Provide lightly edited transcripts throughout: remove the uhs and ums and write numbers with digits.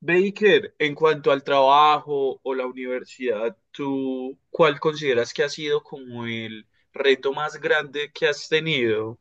Baker, en cuanto al trabajo o la universidad, ¿tú cuál consideras que ha sido como el reto más grande que has tenido?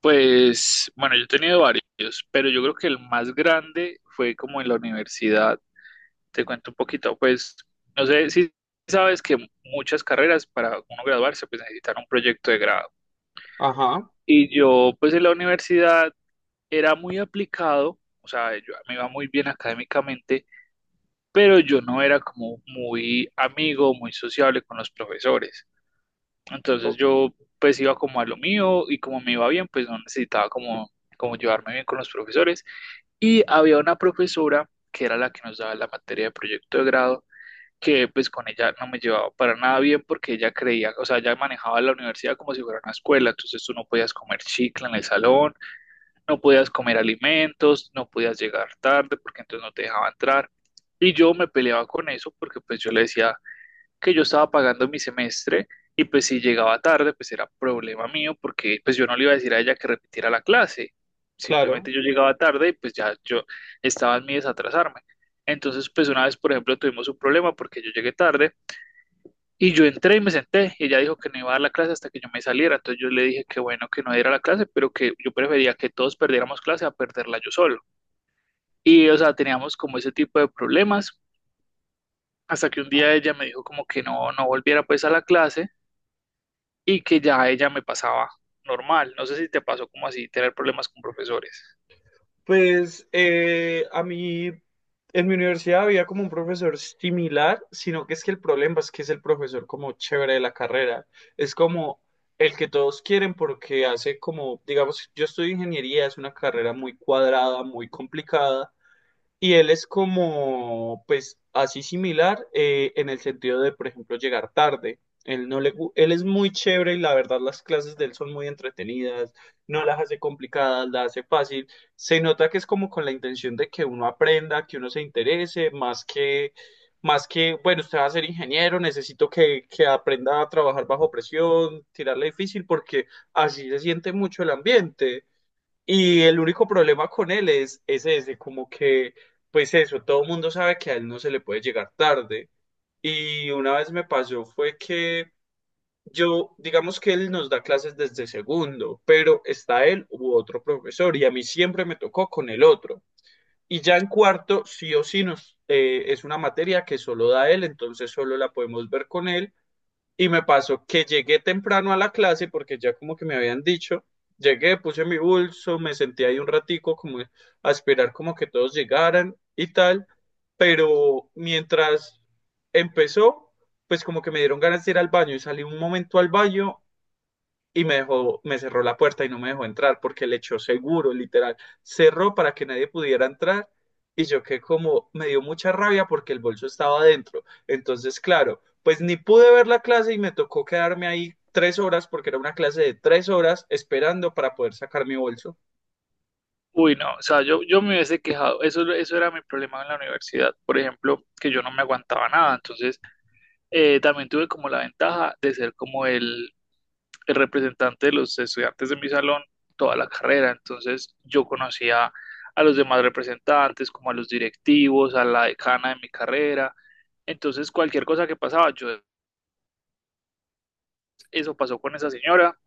Pues, bueno, yo he tenido varios, pero yo creo que el más grande fue como en la universidad. Te cuento un poquito, pues, no sé si sabes que muchas carreras para uno graduarse, pues necesitan un proyecto de grado. Ajá, Y yo, pues, en la universidad era muy aplicado, o sea, yo me iba muy bien académicamente, pero yo no era como muy amigo, muy sociable con los profesores. Entonces o- yo, pues, iba como a lo mío y como me iba bien, pues no necesitaba como, como llevarme bien con los profesores. Y había una profesora que era la que nos daba la materia de proyecto de grado, que pues con ella no me llevaba para nada bien porque ella creía, o sea, ella manejaba la universidad como si fuera una escuela, entonces tú no podías comer chicle en el salón, no podías comer alimentos, no podías llegar tarde porque entonces no te dejaba entrar. Y yo me peleaba con eso porque pues yo le decía que yo estaba pagando mi semestre y pues si llegaba tarde pues era problema mío porque pues yo no le iba a decir a ella que repitiera la clase. claro. Simplemente yo llegaba tarde y pues ya yo estaba en mi desatrasarme. Entonces pues una vez por ejemplo tuvimos un problema porque yo llegué tarde y yo entré y me senté, y ella dijo que no iba a dar la clase hasta que yo me saliera. Entonces yo le dije que bueno que no diera la clase, pero que yo prefería que todos perdiéramos clase a perderla yo solo. Y o sea, teníamos como ese tipo de problemas, hasta que un Ah. día ella me dijo como que no, no volviera pues a la clase y que ya ella me pasaba normal. No sé si te pasó como así, tener problemas con profesores. Pues a mí en mi universidad había como un profesor similar, sino que es que el problema es que es el profesor como chévere de la carrera. Es como el que todos quieren porque hace como, digamos, yo estudio ingeniería, es una carrera muy cuadrada, muy complicada. Y él es como, pues, así similar, en el sentido de, por ejemplo, llegar tarde. Él no le, él es muy chévere y la verdad las clases de él son muy entretenidas, no las hace complicadas, las hace fácil. Se nota que es como con la intención de que uno aprenda, que uno se interese, más que, bueno, usted va a ser ingeniero, necesito que aprenda a trabajar bajo presión, tirarle difícil, porque así se siente mucho el ambiente. Y el único problema con él es ese, como que, pues eso, todo el mundo sabe que a él no se le puede llegar tarde. Y una vez me pasó fue que yo, digamos que él nos da clases desde segundo, pero está él u otro profesor y a mí siempre me tocó con el otro. Y ya en cuarto, sí o sí, es una materia que solo da él, entonces solo la podemos ver con él, y me pasó que llegué temprano a la clase porque ya como que me habían dicho, llegué, puse mi bolso, me senté ahí un ratico como a esperar como que todos llegaran y tal, pero mientras empezó, pues como que me dieron ganas de ir al baño y salí un momento al baño, y me dejó, me cerró la puerta y no me dejó entrar porque le echó seguro, literal. Cerró para que nadie pudiera entrar y yo que como me dio mucha rabia porque el bolso estaba adentro. Entonces, claro, pues ni pude ver la clase y me tocó quedarme ahí 3 horas porque era una clase de 3 horas esperando para poder sacar mi bolso. Uy, no, o sea, yo me hubiese quejado, eso era mi problema en la universidad, por ejemplo, que yo no me aguantaba nada, entonces también tuve como la ventaja de ser como el representante de los estudiantes de mi salón toda la carrera, entonces yo conocía a los demás representantes, como a los directivos, a la decana de mi carrera, entonces cualquier cosa que pasaba, yo eso pasó con esa señora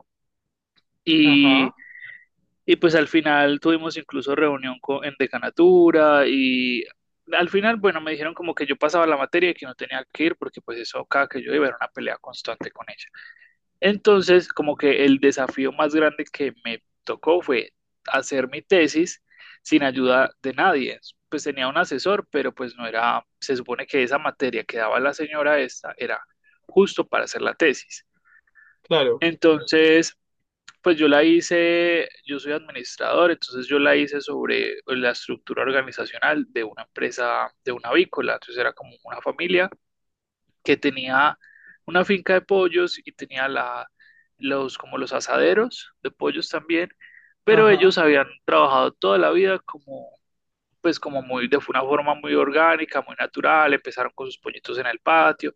y, Ajá, y pues al final tuvimos incluso reunión con, en decanatura y al final, bueno, me dijeron como que yo pasaba la materia y que no tenía que ir porque pues eso cada que yo iba era una pelea constante con ella. Entonces, como que el desafío más grande que me tocó fue hacer mi tesis sin ayuda de nadie. Pues tenía un asesor, pero pues no era, se supone que esa materia que daba la señora esta era justo para hacer la tesis. claro. Entonces, pues yo la hice, yo soy administrador, entonces yo la hice sobre la estructura organizacional de una empresa, de una avícola, entonces era como una familia que tenía una finca de pollos y tenía la, los, como los asaderos de pollos también, pero Ajá, ellos habían trabajado toda la vida como, pues como muy, de una forma muy orgánica, muy natural, empezaron con sus pollitos en el patio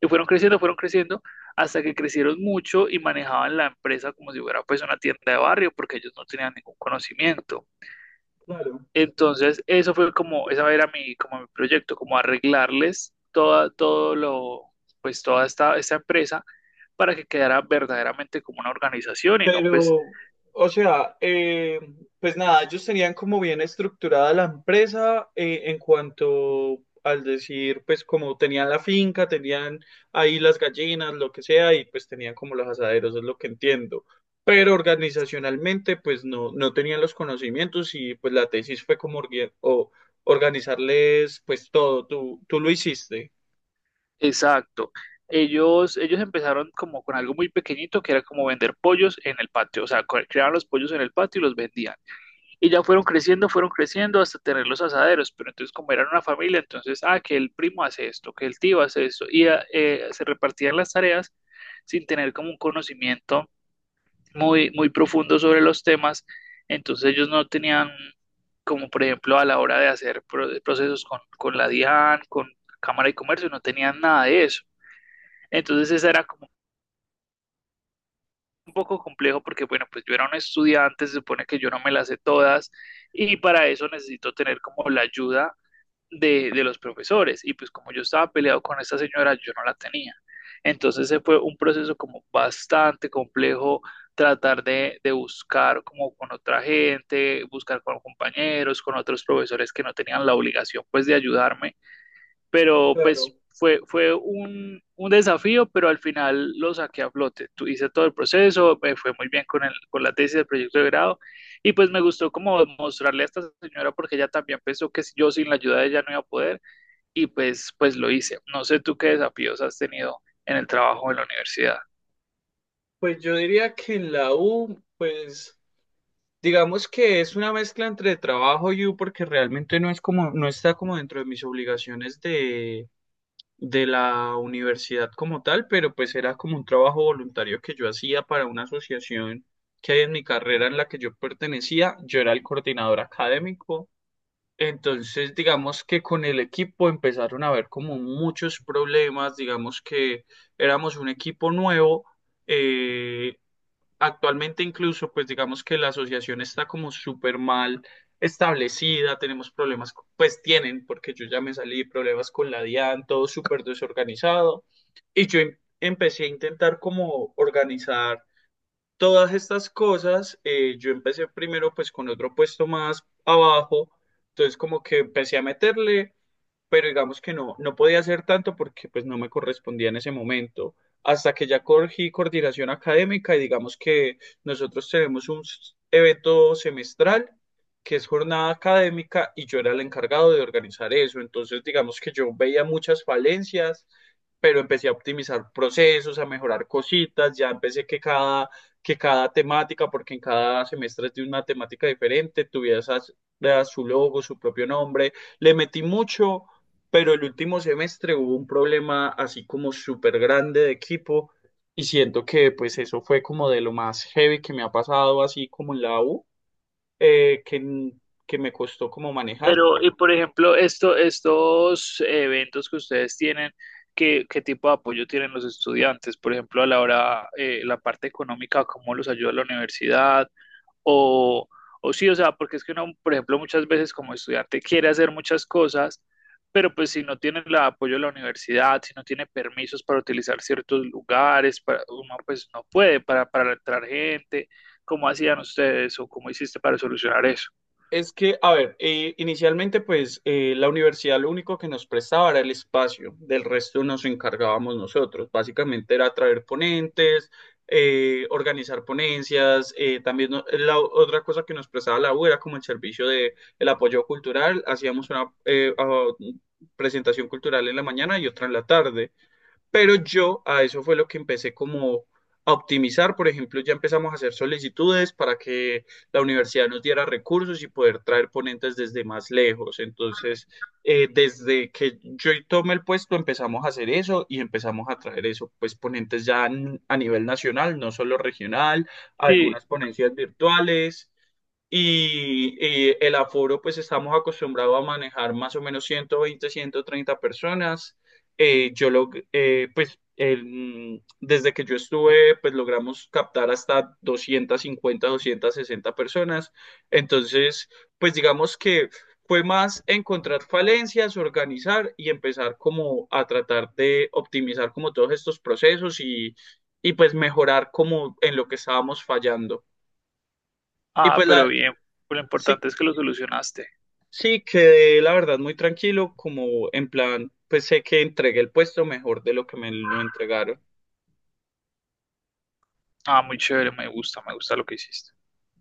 y fueron creciendo hasta que crecieron mucho y manejaban la empresa como si fuera pues una tienda de barrio porque ellos no tenían ningún conocimiento. claro. Entonces, eso fue como, esa era mi, como mi proyecto, como arreglarles toda, todo lo, pues toda esta, esta empresa para que quedara verdaderamente como una organización y no, pues, Pero, o sea, pues nada, ellos tenían como bien estructurada la empresa, en cuanto al decir, pues como tenían la finca, tenían ahí las gallinas, lo que sea, y pues tenían como los asaderos, es lo que entiendo. Pero organizacionalmente, pues no, no tenían los conocimientos y pues la tesis fue como orgue- o organizarles pues todo, tú lo hiciste. exacto. Ellos empezaron como con algo muy pequeñito que era como vender pollos en el patio, o sea, creaban los pollos en el patio y los vendían. Y ya fueron creciendo hasta tener los asaderos, pero entonces como eran una familia, entonces, ah, que el primo hace esto, que el tío hace esto, y ah, se repartían las tareas sin tener como un conocimiento muy, muy profundo sobre los temas, entonces ellos no tenían como por ejemplo a la hora de hacer procesos con la DIAN, con Cámara de Comercio, no tenían nada de eso. Entonces esa era como un poco complejo porque bueno, pues yo era un estudiante, se supone que yo no me las sé todas y para eso necesito tener como la ayuda de los profesores. Y pues como yo estaba peleado con esta señora, yo no la tenía. Entonces ese fue un proceso como bastante complejo, tratar de buscar como con otra gente, buscar con compañeros, con otros profesores que no tenían la obligación pues de ayudarme pero Claro, pues fue, fue un desafío, pero al final lo saqué a flote. Hice todo el proceso, me fue muy bien con, el, con la tesis del proyecto de grado y pues me gustó como mostrarle a esta señora porque ella también pensó que yo sin la ayuda de ella no iba a poder y pues, pues lo hice. No sé tú qué desafíos has tenido en el trabajo en la universidad. pues yo diría que en la U, pues... Digamos que es una mezcla entre trabajo y U porque realmente no es como, no está como dentro de mis obligaciones de la universidad como tal, pero pues era como un trabajo voluntario que yo hacía para una asociación que hay en mi carrera en la que yo pertenecía. Yo era el coordinador académico. Entonces, digamos que con el equipo empezaron a haber como muchos problemas, digamos que éramos un equipo nuevo. eh, Actualmente incluso, pues digamos que la asociación está como súper mal establecida, tenemos problemas, pues tienen, porque yo ya me salí, problemas con la DIAN, todo súper desorganizado. Y yo empecé a intentar como organizar todas estas cosas. Yo empecé primero pues con otro puesto más abajo, entonces como que empecé a meterle, pero digamos que no, no podía hacer tanto porque pues no me correspondía en ese momento, hasta que ya cogí coordinación académica y digamos que nosotros tenemos un evento semestral que es jornada académica y yo era el encargado de organizar eso, entonces digamos que yo veía muchas falencias, pero empecé a optimizar procesos, a mejorar cositas, ya empecé que que cada temática, porque en cada semestre es de una temática diferente, tuviera su logo, su propio nombre, le metí mucho, pero el último semestre hubo un problema así como súper grande de equipo y siento que pues eso fue como de lo más heavy que me ha pasado así como en la U, eh, que, que me costó como manejar. Pero, y por ejemplo, esto, estos eventos que ustedes tienen, ¿qué, qué tipo de apoyo tienen los estudiantes? Por ejemplo, a la hora, la parte económica, ¿cómo los ayuda la universidad? O, o sí, o sea, porque es que uno, por ejemplo, muchas veces como estudiante quiere hacer muchas cosas, pero pues si no tiene el apoyo de la universidad, si no tiene permisos para utilizar ciertos lugares, para, uno pues no puede para entrar gente. ¿Cómo hacían ustedes o cómo hiciste para solucionar eso? Es que, a ver, inicialmente pues la universidad lo único que nos prestaba era el espacio, del resto nos encargábamos nosotros. Básicamente era traer ponentes, organizar ponencias, también otra cosa que nos prestaba la U era como el servicio de el apoyo cultural, hacíamos una presentación cultural en la mañana y otra en la tarde. Pero yo a eso fue lo que empecé como a optimizar. Por ejemplo, ya empezamos a hacer solicitudes para que la universidad nos diera recursos y poder traer ponentes desde más lejos. Entonces, desde que yo tomé el puesto, empezamos a hacer eso y empezamos a traer eso, pues ponentes ya a nivel nacional, no solo regional, Sí. algunas ponencias virtuales. Y el aforo, pues estamos acostumbrados a manejar más o menos 120, 130 personas. Pues desde que yo estuve, pues logramos captar hasta 250, sesenta personas. Entonces, pues digamos que fue más encontrar falencias, organizar y empezar como a tratar de optimizar como todos estos procesos y pues mejorar como en lo que estábamos fallando. Y Ah, pues la, pero bien, lo sí, importante es que lo solucionaste. sí, quedé la verdad muy tranquilo, como en plan, pues sé que entregué el puesto mejor de lo que me lo entregaron. Ah, muy chévere, me gusta lo que hiciste.